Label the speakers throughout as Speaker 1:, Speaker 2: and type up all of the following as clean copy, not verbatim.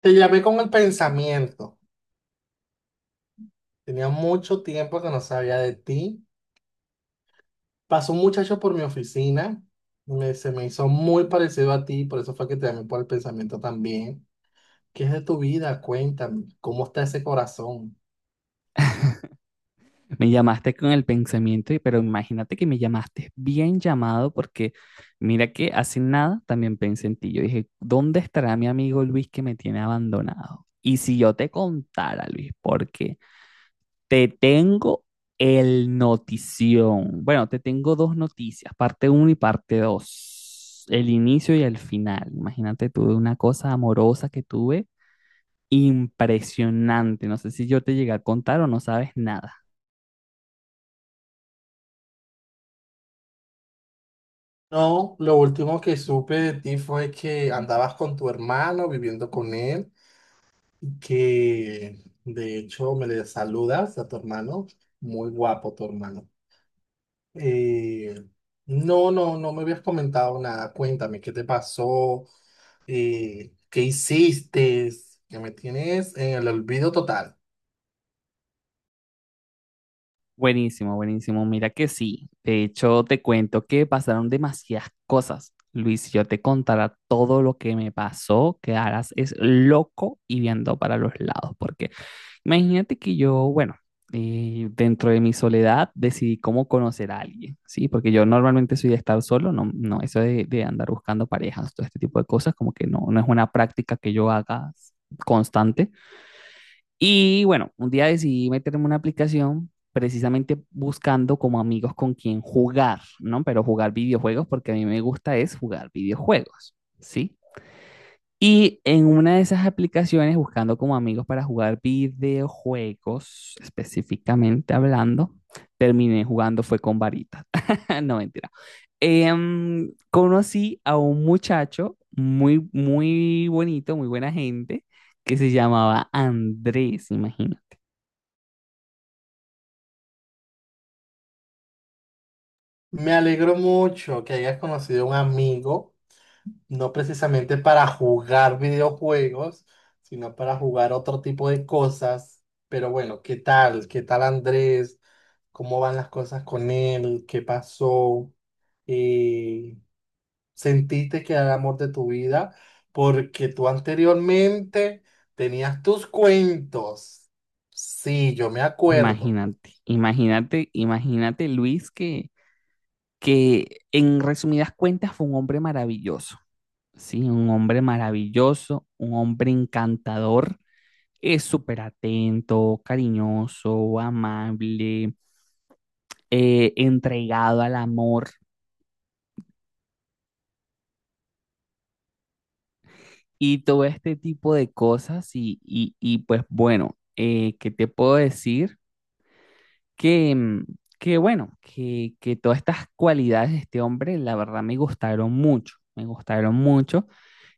Speaker 1: Te llamé con el pensamiento. Tenía mucho tiempo que no sabía de ti. Pasó un muchacho por mi oficina. Se me hizo muy parecido a ti, por eso fue que te llamé por el pensamiento también. ¿Qué es de tu vida? Cuéntame, ¿cómo está ese corazón?
Speaker 2: Me llamaste con el pensamiento, pero imagínate que me llamaste bien llamado porque mira que hace nada también pensé en ti. Yo dije, ¿dónde estará mi amigo Luis que me tiene abandonado? Y si yo te contara, Luis, porque te tengo el notición. Bueno, te tengo dos noticias, parte uno y parte 2, el inicio y el final. Imagínate, tuve una cosa amorosa que tuve impresionante. No sé si yo te llegué a contar o no sabes nada.
Speaker 1: No, lo último que supe de ti fue que andabas con tu hermano viviendo con él, que de hecho me le saludas a tu hermano. Muy guapo tu hermano. Eh, no, no, no me habías comentado nada. Cuéntame, ¿qué te pasó? ¿Qué hiciste? Que me tienes en el olvido total.
Speaker 2: Buenísimo, buenísimo. Mira que sí. De hecho, te cuento que pasaron demasiadas cosas. Luis, si yo te contara todo lo que me pasó, quedarás es loco y viendo para los lados. Porque imagínate que yo, bueno, dentro de mi soledad decidí cómo conocer a alguien, ¿sí? Porque yo normalmente soy de estar solo, no, no, eso de andar buscando parejas, todo este tipo de cosas, como que no, no es una práctica que yo haga constante. Y bueno, un día decidí meterme en una aplicación precisamente buscando como amigos con quien jugar, ¿no? Pero jugar videojuegos porque a mí me gusta es jugar videojuegos, ¿sí? Y en una de esas aplicaciones, buscando como amigos para jugar videojuegos, específicamente hablando, terminé jugando fue con varitas. No, mentira. Conocí a un muchacho muy, muy bonito, muy buena gente, que se llamaba Andrés, imagínate.
Speaker 1: Me alegro mucho que hayas conocido a un amigo, no precisamente para jugar videojuegos, sino para jugar otro tipo de cosas. Pero bueno, ¿qué tal? ¿Qué tal Andrés? ¿Cómo van las cosas con él? ¿Qué pasó? Eh, ¿Sentiste que era el amor de tu vida porque tú anteriormente tenías tus cuentos? Sí, yo me acuerdo.
Speaker 2: Imagínate, imagínate, imagínate Luis que en resumidas cuentas fue un hombre maravilloso, ¿sí? Un hombre maravilloso, un hombre encantador, es súper atento, cariñoso, amable, entregado al amor y todo este tipo de cosas y pues bueno, ¿qué te puedo decir? Que, que bueno, que todas estas cualidades de este hombre, la verdad, me gustaron mucho, me gustaron mucho.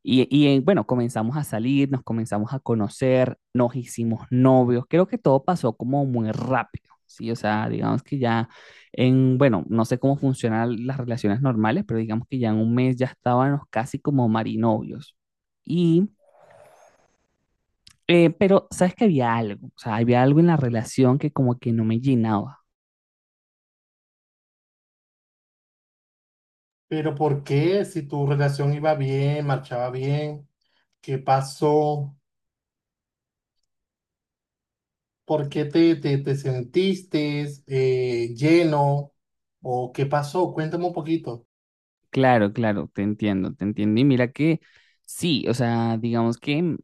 Speaker 2: Y, bueno, comenzamos a salir, nos comenzamos a conocer, nos hicimos novios. Creo que todo pasó como muy rápido, ¿sí? O sea, digamos que ya en, bueno, no sé cómo funcionan las relaciones normales, pero digamos que ya en un mes ya estábamos casi como marinovios. Y, pero, ¿sabes que había algo? O sea, había algo en la relación que como que no me llenaba.
Speaker 1: Pero ¿por qué? Si tu relación iba bien, marchaba bien, ¿qué pasó? ¿Por qué te sentiste lleno? ¿O qué pasó? Cuéntame un poquito.
Speaker 2: Claro, claro, te entiendo, te entiendo. Y mira que sí, o sea, digamos que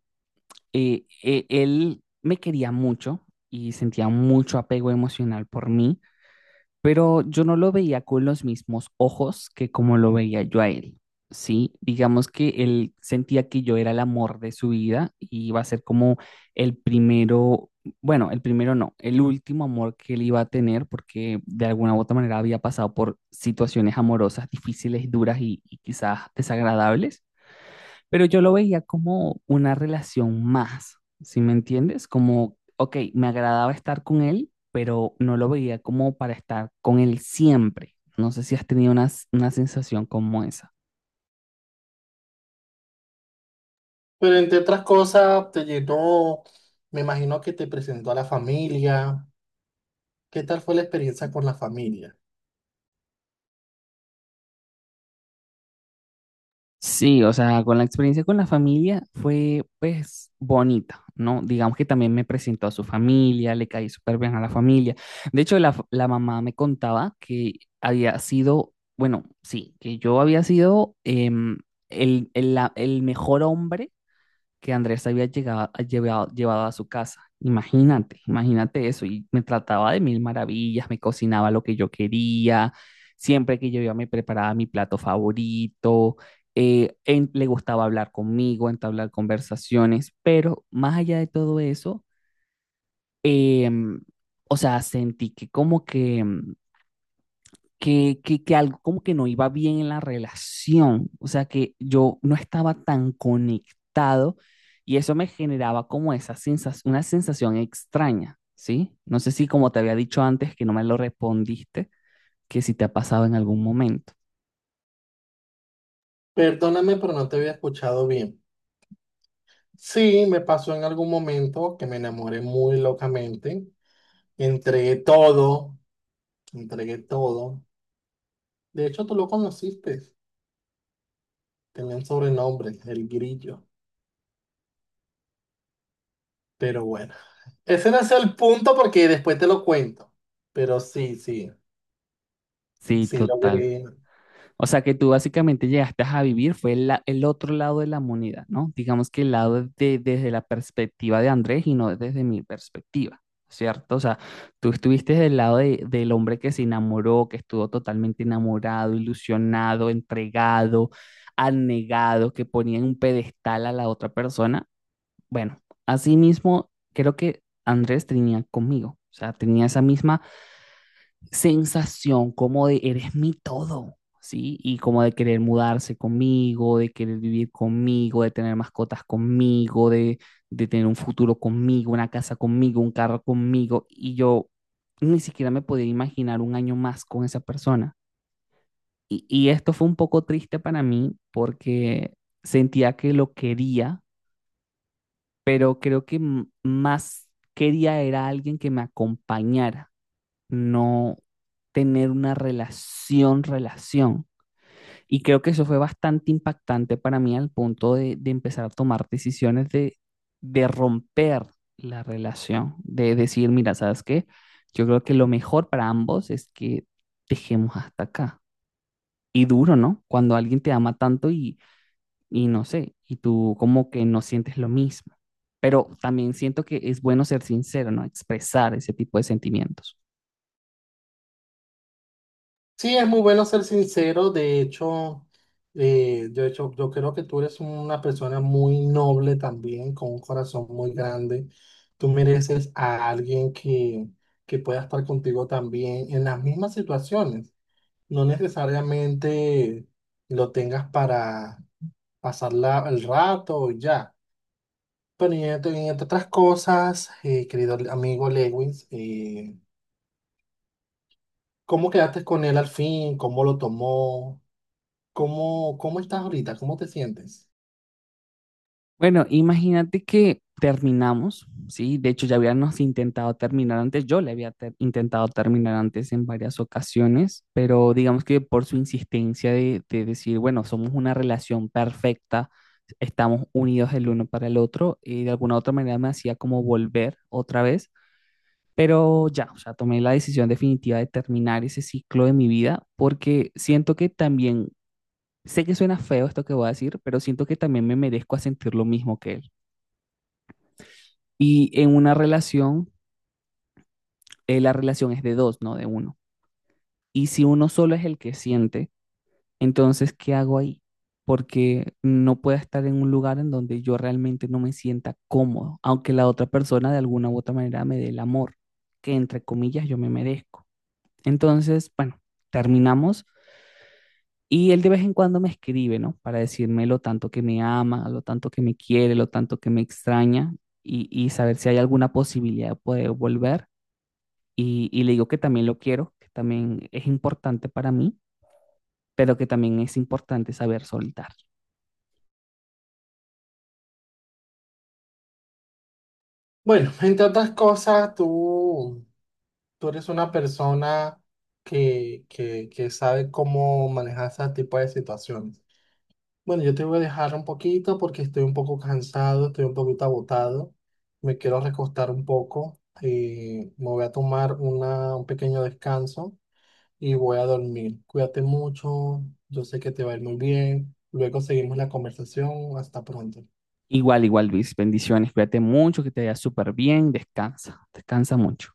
Speaker 2: él me quería mucho y sentía mucho apego emocional por mí, pero yo no lo veía con los mismos ojos que como lo veía yo a él, ¿sí? Digamos que él sentía que yo era el amor de su vida y iba a ser como el primero, bueno, el primero no, el último amor que él iba a tener porque de alguna u otra manera había pasado por situaciones amorosas difíciles, duras y quizás desagradables. Pero yo lo veía como una relación más, ¿sí me entiendes? Como, ok, me agradaba estar con él, pero no lo veía como para estar con él siempre. No sé si has tenido una sensación como esa.
Speaker 1: Pero entre otras cosas, te llenó, me imagino que te presentó a la familia. ¿Qué tal fue la experiencia con la familia?
Speaker 2: Sí, o sea, con la experiencia con la familia fue pues bonita, ¿no? Digamos que también me presentó a su familia, le caí súper bien a la familia. De hecho, la mamá me contaba que había sido, bueno, sí, que yo había sido el mejor hombre que Andrés había llegado, llevado, llevado a su casa. Imagínate, imagínate eso. Y me trataba de mil maravillas, me cocinaba lo que yo quería, siempre que yo iba me preparaba mi plato favorito, le gustaba hablar conmigo, entablar conversaciones, pero más allá de todo eso, em, o sea, sentí que como que, que algo como que no iba bien en la relación, o sea, que yo no estaba tan conectado y eso me generaba como esa sensación, una sensación extraña, ¿sí? No sé si como te había dicho antes que no me lo respondiste, que si te ha pasado en algún momento.
Speaker 1: Perdóname, pero no te había escuchado bien. Sí, me pasó en algún momento que me enamoré muy locamente. Entregué todo, entregué todo. De hecho, tú lo conociste. Tenía un sobrenombre, el grillo. Pero bueno, ese no es el punto porque después te lo cuento. Pero sí, sí,
Speaker 2: Sí,
Speaker 1: sí
Speaker 2: total.
Speaker 1: logré.
Speaker 2: O sea que tú básicamente llegaste a vivir, fue el otro lado de la moneda, ¿no? Digamos que el lado de- desde la perspectiva de Andrés y no desde mi perspectiva, ¿cierto? O sea, tú estuviste del lado de- del hombre que se enamoró, que estuvo totalmente enamorado, ilusionado, entregado, anegado, que ponía en un pedestal a la otra persona. Bueno, asimismo, creo que Andrés tenía conmigo, o sea, tenía esa misma sensación como de eres mi todo, ¿sí? Y como de querer mudarse conmigo, de querer vivir conmigo, de tener mascotas conmigo, de tener un futuro conmigo, una casa conmigo, un carro conmigo. Y yo ni siquiera me podía imaginar un año más con esa persona. Y esto fue un poco triste para mí porque sentía que lo quería, pero creo que más quería era alguien que me acompañara no tener una relación, relación. Y creo que eso fue bastante impactante para mí al punto de empezar a tomar decisiones de romper la relación, de decir, mira, ¿sabes qué? Yo creo que lo mejor para ambos es que dejemos hasta acá. Y duro, ¿no? Cuando alguien te ama tanto y no sé, y tú como que no sientes lo mismo. Pero también siento que es bueno ser sincero, ¿no? Expresar ese tipo de sentimientos.
Speaker 1: Sí, es muy bueno ser sincero. De hecho, yo, hecho, yo creo que tú eres una persona muy noble también, con un corazón muy grande. Tú mereces a alguien que pueda estar contigo también en las mismas situaciones. No necesariamente lo tengas para pasar el rato y ya. Pero y entre otras cosas, querido amigo Lewis, ¿cómo quedaste con él al fin? ¿Cómo lo tomó? Cómo estás ahorita? ¿Cómo te sientes?
Speaker 2: Bueno, imagínate que terminamos, ¿sí? De hecho, ya habíamos intentado terminar antes, yo le había intentado terminar antes en varias ocasiones, pero digamos que por su insistencia de decir, bueno, somos una relación perfecta, estamos unidos el uno para el otro, y de alguna u otra manera me hacía como volver otra vez, pero ya, o sea, tomé la decisión definitiva de terminar ese ciclo de mi vida porque siento que también, sé que suena feo esto que voy a decir, pero siento que también me merezco a sentir lo mismo que él. Y en una relación, la relación es de dos, no de uno. Y si uno solo es el que siente, entonces, ¿qué hago ahí? Porque no puedo estar en un lugar en donde yo realmente no me sienta cómodo, aunque la otra persona de alguna u otra manera me dé el amor, que entre comillas yo me merezco. Entonces, bueno, terminamos y él de vez en cuando me escribe, ¿no? Para decirme lo tanto que me ama, lo tanto que me quiere, lo tanto que me extraña y saber si hay alguna posibilidad de poder volver. Y, y le digo que también lo quiero, que también es importante para mí, pero que también es importante saber soltar.
Speaker 1: Bueno, entre otras cosas, tú eres una persona que sabe cómo manejar ese tipo de situaciones. Bueno, yo te voy a dejar un poquito porque estoy un poco cansado, estoy un poquito agotado. Me quiero recostar un poco y me voy a tomar una, un pequeño descanso y voy a dormir. Cuídate mucho, yo sé que te va a ir muy bien. Luego seguimos la conversación. Hasta pronto.
Speaker 2: Igual, igual, Luis, bendiciones, cuídate mucho, que te vaya súper bien, descansa, descansa mucho.